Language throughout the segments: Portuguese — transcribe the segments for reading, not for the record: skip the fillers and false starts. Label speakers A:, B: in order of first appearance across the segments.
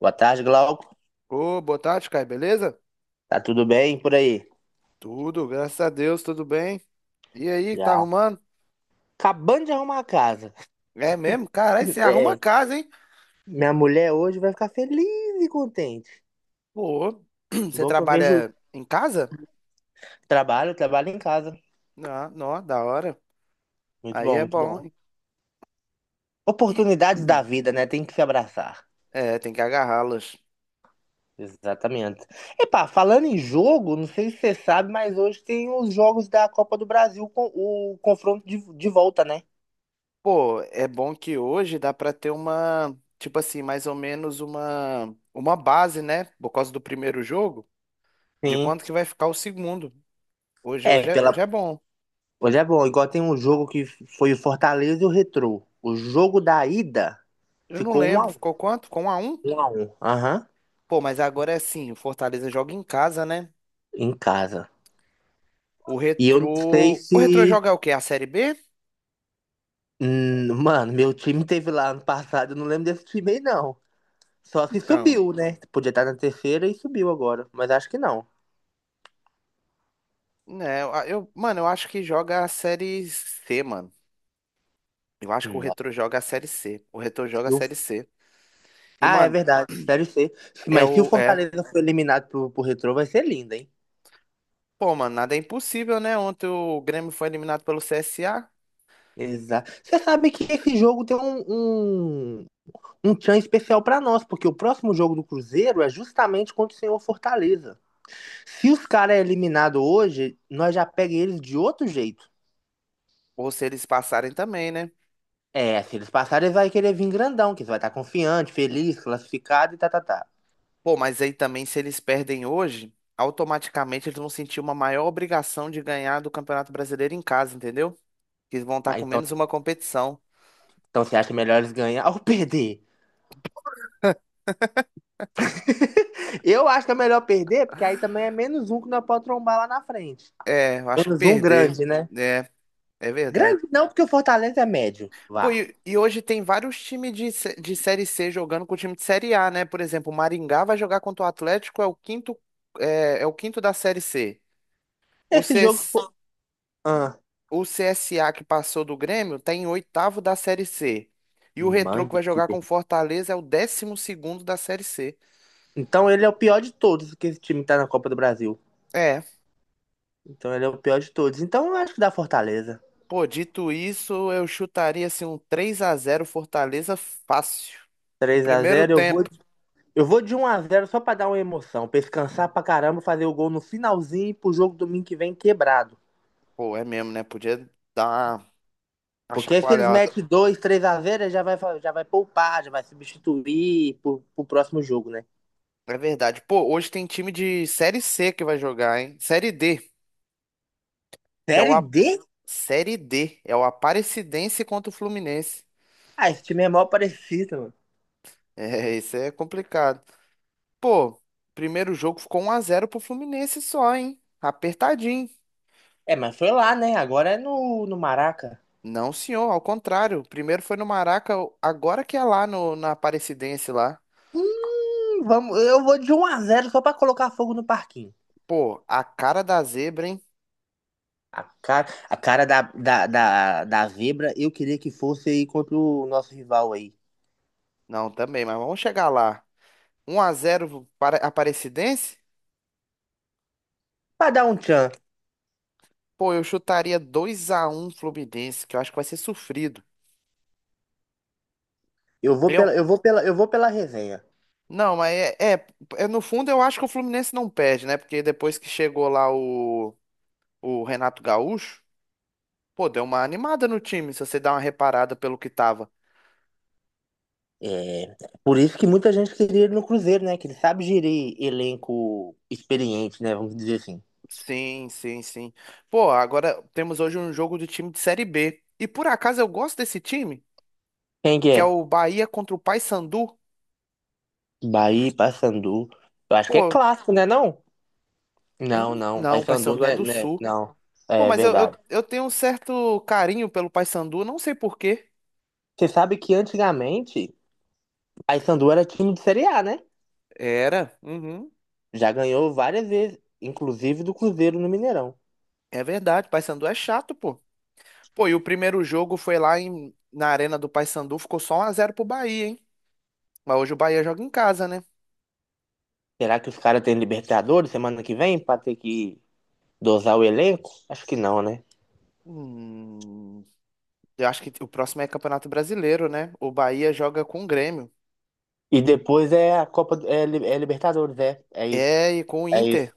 A: Boa tarde, Glauco.
B: Ô, boa tarde, Caio, beleza?
A: Tá tudo bem por aí?
B: Tudo, graças a Deus, tudo bem. E aí, tá
A: Já.
B: arrumando?
A: Acabando de arrumar a casa.
B: É mesmo? Caralho, você arruma a
A: É,
B: casa, hein?
A: minha mulher hoje vai ficar feliz e contente.
B: Pô, você
A: Bom que eu vejo
B: trabalha em casa?
A: trabalho em casa.
B: Ah, não, da hora.
A: Muito
B: Aí
A: bom,
B: é
A: muito bom.
B: bom, hein? E-
A: Oportunidades da vida, né? Tem que se abraçar.
B: É, tem que agarrá-las.
A: Exatamente. Epá, falando em jogo, não sei se você sabe, mas hoje tem os jogos da Copa do Brasil com o confronto de volta, né?
B: Pô, é bom que hoje dá pra ter uma, tipo assim, mais ou menos uma base, né? Por causa do primeiro jogo, de
A: Sim.
B: quanto que vai ficar o segundo. Hoje,
A: É,
B: hoje é,
A: pela,
B: hoje é bom.
A: Olha, é bom, igual tem um jogo que foi o Fortaleza e o Retrô. O jogo da ida
B: Eu não
A: ficou um
B: lembro,
A: a um.
B: ficou quanto? Com 1 a 1?
A: 1 a 1. Aham.
B: Pô, mas agora é assim, o Fortaleza joga em casa, né?
A: Em casa.
B: O
A: E eu não sei
B: Retrô. O Retrô
A: se.
B: joga o quê? A Série B?
A: Mano, meu time teve lá ano passado, eu não lembro desse time aí, não. Só se
B: Então.
A: subiu, né? Podia estar na terceira e subiu agora. Mas acho que não.
B: Né, mano, eu acho que joga a Série C, mano. Eu acho que o
A: Nossa.
B: Retrô joga a Série C. O Retrô joga a
A: e o-
B: Série C. E,
A: Ah, é
B: mano,
A: verdade. Série C.
B: é
A: Mas se o
B: o. É.
A: Fortaleza for eliminado pro Retrô, vai ser lindo, hein?
B: Pô, mano, nada é impossível, né? Ontem o Grêmio foi eliminado pelo CSA.
A: Exato. Você sabe que esse jogo tem um um tchan especial para nós, porque o próximo jogo do Cruzeiro é justamente contra o senhor Fortaleza. Se os caras é eliminado hoje, nós já pega eles de outro jeito.
B: Ou se eles passarem também, né?
A: É, se eles passarem, eles vai querer vir grandão, que eles vai estar confiante, feliz, classificado e tá, tá, tá.
B: Pô, mas aí também, se eles perdem hoje, automaticamente eles vão sentir uma maior obrigação de ganhar do Campeonato Brasileiro em casa, entendeu? Que eles vão estar
A: Mas
B: com
A: então,
B: menos uma competição.
A: então você acha melhor eles ganhar ou perder? Eu acho que é melhor perder, porque aí também é menos um que nós podemos trombar lá na frente.
B: É, eu acho que
A: Menos um
B: perder.
A: grande, né?
B: É, é verdade.
A: Grande não, porque o Fortaleza é médio.
B: Pô,
A: Vá.
B: e hoje tem vários times de Série C jogando com o time de Série A, né? Por exemplo, o Maringá vai jogar contra o Atlético, é o quinto da Série C.
A: Esse
B: O,
A: jogo
B: CS,
A: foi. Ah,
B: o CSA que passou do Grêmio tá em oitavo da Série C. E o Retrô
A: mano,
B: que vai
A: que.
B: jogar com o Fortaleza é o 12º da Série C.
A: Então ele é o pior de todos que esse time tá na Copa do Brasil.
B: É,
A: Então ele é o pior de todos. Então eu acho que dá Fortaleza.
B: pô, dito isso, eu chutaria assim um 3 a 0 Fortaleza fácil. No
A: Três a
B: primeiro
A: zero, eu vou,
B: tempo.
A: eu vou de 1 a 0 só pra dar uma emoção. Pra eles cansar pra caramba, fazer o gol no finalzinho e pro jogo domingo que vem quebrado.
B: Pô, é mesmo, né? Podia dar uma
A: Porque aí se eles
B: chacoalhada.
A: metem dois, 3 a 0, ele já vai poupar, já vai substituir pro próximo jogo, né?
B: É verdade. Pô, hoje tem time de Série C que vai jogar, hein? Série D, que é o
A: Série
B: A...
A: D?
B: Série D, é o Aparecidense contra o Fluminense.
A: Ah, esse time é mal parecido, mano.
B: É, isso é complicado. Pô, primeiro jogo ficou 1 a 0 pro Fluminense só, hein? Apertadinho.
A: É, mas foi lá, né? Agora é no Maraca.
B: Não, senhor, ao contrário. Primeiro foi no Maraca, agora que é lá no, na Aparecidense lá.
A: Hum, vamos, eu vou de 1 a 0 só pra colocar fogo no parquinho.
B: Pô, a cara da zebra, hein?
A: A cara, da Vibra, eu queria que fosse aí contra o nosso rival aí.
B: Não, também, mas vamos chegar lá. 1 a 0 para Aparecidense?
A: Pra dar um tchan.
B: Pô, eu chutaria 2 a 1 Fluminense, que eu acho que vai ser sofrido.
A: Eu vou
B: Eu.
A: pela, eu vou pela, eu vou pela resenha.
B: Não, mas no fundo, eu acho que o Fluminense não perde, né? Porque depois que chegou lá o Renato Gaúcho, pô, deu uma animada no time, se você dá uma reparada pelo que tava.
A: É, por isso que muita gente queria ele no Cruzeiro, né? Que ele sabe gerir elenco experiente, né? Vamos dizer assim.
B: Sim, sim, sim. Pô, agora temos hoje um jogo do time de Série B. E por acaso eu gosto desse time,
A: Quem que
B: que é
A: é?
B: o Bahia contra o Paysandu.
A: Bahia, Paysandu. Eu acho que é
B: Pô,
A: clássico, né? Não?
B: eu não.
A: Não, não.
B: Não, o
A: Paysandu,
B: Paysandu é
A: né?
B: do
A: né?
B: Sul.
A: Não.
B: Pô,
A: É
B: mas eu,
A: verdade.
B: eu, eu tenho um certo carinho pelo Paysandu, não sei por quê.
A: Você sabe que antigamente Paysandu era time de Série A, né?
B: Era. Uhum.
A: Já ganhou várias vezes, inclusive do Cruzeiro no Mineirão.
B: É verdade. Paysandu é chato, pô. Pô, e o primeiro jogo foi lá na Arena do Paysandu, ficou só 1 a 0 pro Bahia, hein? Mas hoje o Bahia joga em casa, né?
A: Será que os caras têm Libertadores semana que vem para ter que dosar o elenco? Acho que não, né?
B: Hum, eu acho que o próximo é Campeonato Brasileiro, né? O Bahia joga com o Grêmio.
A: E depois é a Copa, é Libertadores, é isso,
B: É, e com o
A: é isso.
B: Inter.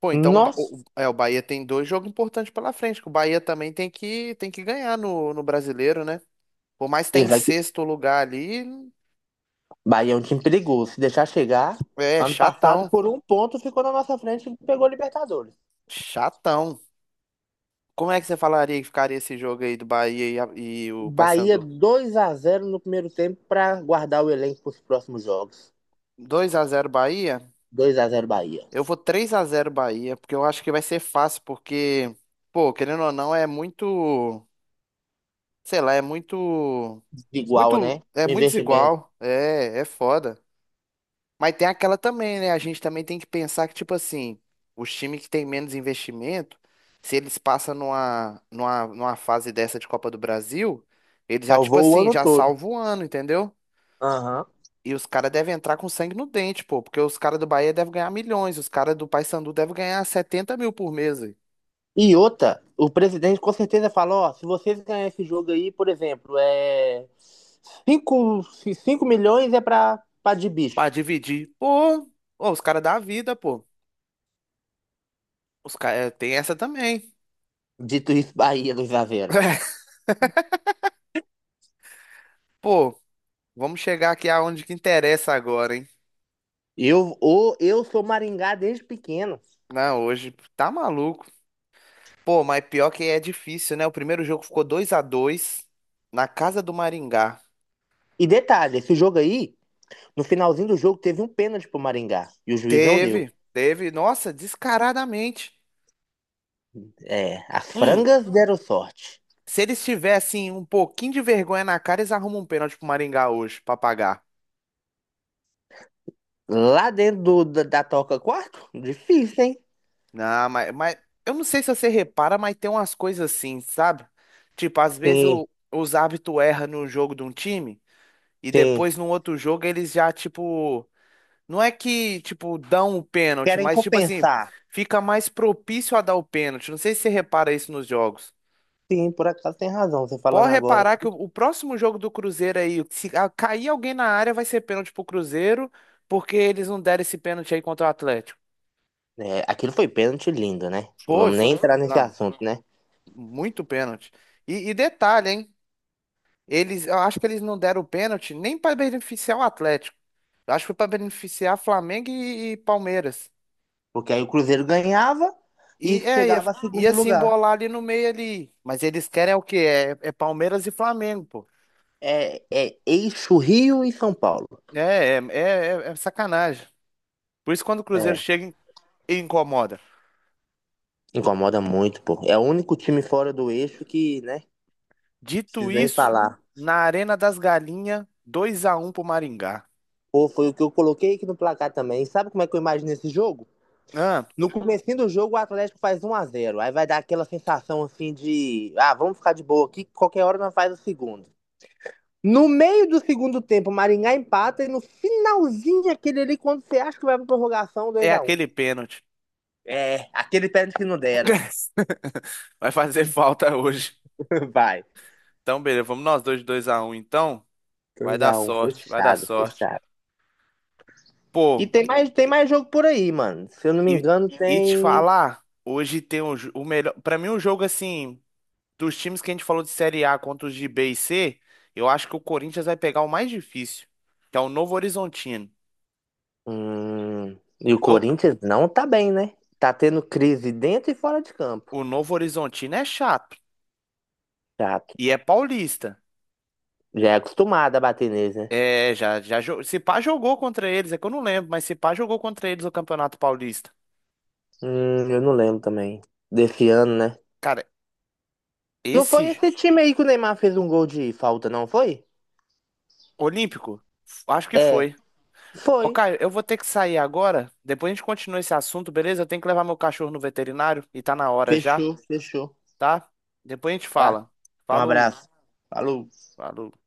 B: Pô, então o, Ba-
A: Nossa,
B: o- é, o Bahia tem dois jogos importantes pela frente, que o Bahia também tem que ganhar no Brasileiro, né? Por mais que tá em
A: exato.
B: sexto lugar ali,
A: Bahia é um time perigoso. Se deixar chegar,
B: é
A: ano passado
B: chatão.
A: por um ponto ficou na nossa frente e pegou Libertadores.
B: Chatão. Como é que você falaria que ficaria esse jogo aí do Bahia e o
A: Bahia
B: Paysandu?
A: 2 a 0 no primeiro tempo para guardar o elenco para os próximos jogos.
B: 2 a 0 Bahia?
A: 2 a 0 Bahia.
B: Eu vou 3 a 0 Bahia, porque eu acho que vai ser fácil, porque, pô, querendo ou não, é muito, sei lá, é muito,
A: Igual,
B: muito,
A: né?
B: é
A: O
B: muito
A: investimento
B: desigual, é foda. Mas tem aquela também, né? A gente também tem que pensar que, tipo assim, os times que têm menos investimento, se eles passam numa fase dessa de Copa do Brasil, eles já, tipo
A: salvou o
B: assim,
A: ano
B: já
A: todo.
B: salvam o ano, entendeu?
A: Aham.
B: E os caras devem entrar com sangue no dente, pô, porque os caras do Bahia devem ganhar milhões, os caras do Paysandu devem ganhar 70 mil por mês, véi,
A: E outra, o presidente com certeza fala, ó, se vocês ganharem esse jogo aí, por exemplo, é cinco cinco milhões é pra de
B: pra
A: bicho.
B: dividir. Pô, ô, os caras da vida, pô. Os caras tem essa também.
A: Dito isso, Bahia do Isavero.
B: Pô, vamos chegar aqui aonde que interessa agora, hein?
A: Eu sou Maringá desde pequeno.
B: Não, hoje tá maluco. Pô, mas pior que é difícil, né? O primeiro jogo ficou 2 a 2 na casa do Maringá.
A: E detalhe, esse jogo aí, no finalzinho do jogo, teve um pênalti pro Maringá. E o juiz não deu.
B: Teve, teve, nossa, descaradamente.
A: É, as
B: Hum,
A: frangas deram sorte.
B: Se eles tivessem um pouquinho de vergonha na cara, eles arrumam um pênalti pro Maringá hoje pra pagar.
A: Lá dentro da toca 4? Difícil, hein?
B: Não, mas eu não sei se você repara, mas tem umas coisas assim, sabe? Tipo, às vezes
A: Sim,
B: os árbitros erram no jogo de um time e
A: sim.
B: depois no outro jogo eles já, tipo. Não é que, tipo, dão o pênalti,
A: Querem
B: mas, tipo assim,
A: compensar.
B: fica mais propício a dar o pênalti. Não sei se você repara isso nos jogos.
A: Sim, por acaso tem razão, você falando
B: Pode
A: agora.
B: reparar que o próximo jogo do Cruzeiro aí, se cair alguém na área, vai ser pênalti pro Cruzeiro, porque eles não deram esse pênalti aí contra o Atlético.
A: É, aquilo foi pênalti lindo, né?
B: Foi,
A: Vamos nem
B: foi,
A: entrar nesse
B: não,
A: assunto, né?
B: muito pênalti. E detalhe, hein? Eles, eu acho que eles não deram o pênalti nem para beneficiar o Atlético. Eu acho que foi para beneficiar Flamengo e Palmeiras.
A: Porque aí o Cruzeiro ganhava e
B: E é, ia,
A: chegava a segundo
B: ia se
A: lugar.
B: embolar ali no meio ali. Mas eles querem é o quê? É, é Palmeiras e Flamengo, pô.
A: É eixo Rio e São Paulo.
B: É sacanagem. Por isso quando o Cruzeiro
A: É,
B: chega e incomoda.
A: incomoda muito, pô. É o único time fora do eixo que, né?
B: Dito
A: Precisa nem
B: isso,
A: falar.
B: na Arena das Galinhas, 2x1 pro Maringá.
A: Pô, foi o que eu coloquei aqui no placar também. E sabe como é que eu imagino esse jogo?
B: Ah,
A: No comecinho do jogo, o Atlético faz 1 a 0. Aí vai dar aquela sensação assim de, ah, vamos ficar de boa aqui, qualquer hora nós faz o segundo. No meio do segundo tempo, o Maringá empata e no finalzinho aquele ali, quando você acha que vai pra prorrogação,
B: é
A: 2 a 1.
B: aquele pênalti.
A: É, aquele pênalti que não deram.
B: Vai fazer falta hoje.
A: Vai.
B: Então, beleza, vamos nós dois de 2x1, então. Vai
A: Dois
B: dar
A: a um
B: sorte, vai dar
A: fechado,
B: sorte.
A: fechado. E
B: Pô,
A: tem mais jogo por aí, mano. Se eu não me
B: e,
A: engano,
B: e te
A: tem.
B: falar, hoje tem o melhor. Pra mim, o jogo assim, dos times que a gente falou de Série A contra os de B e C, eu acho que o Corinthians vai pegar o mais difícil, que é o Novo Horizontino.
A: Hum, E o
B: No-
A: Corinthians não tá bem, né? Tá tendo crise dentro e fora de campo.
B: o Novo Horizontino é chato
A: Chato.
B: e é paulista.
A: Já é acostumado a bater neles, né?
B: É, se pá jogou contra eles, é que eu não lembro, mas se pá jogou contra eles o Campeonato Paulista.
A: Eu não lembro também. Desse ano, né?
B: Cara,
A: Não
B: esse
A: foi
B: j-
A: esse time aí que o Neymar fez um gol de falta, não foi?
B: Olímpico, acho que
A: É,
B: foi. Ô,
A: Foi.
B: Caio, eu vou ter que sair agora. Depois a gente continua esse assunto, beleza? Eu tenho que levar meu cachorro no veterinário e tá na hora já,
A: Fechou, fechou.
B: tá? Depois a gente
A: Vá,
B: fala.
A: um
B: Falou,
A: abraço. Falou.
B: falou.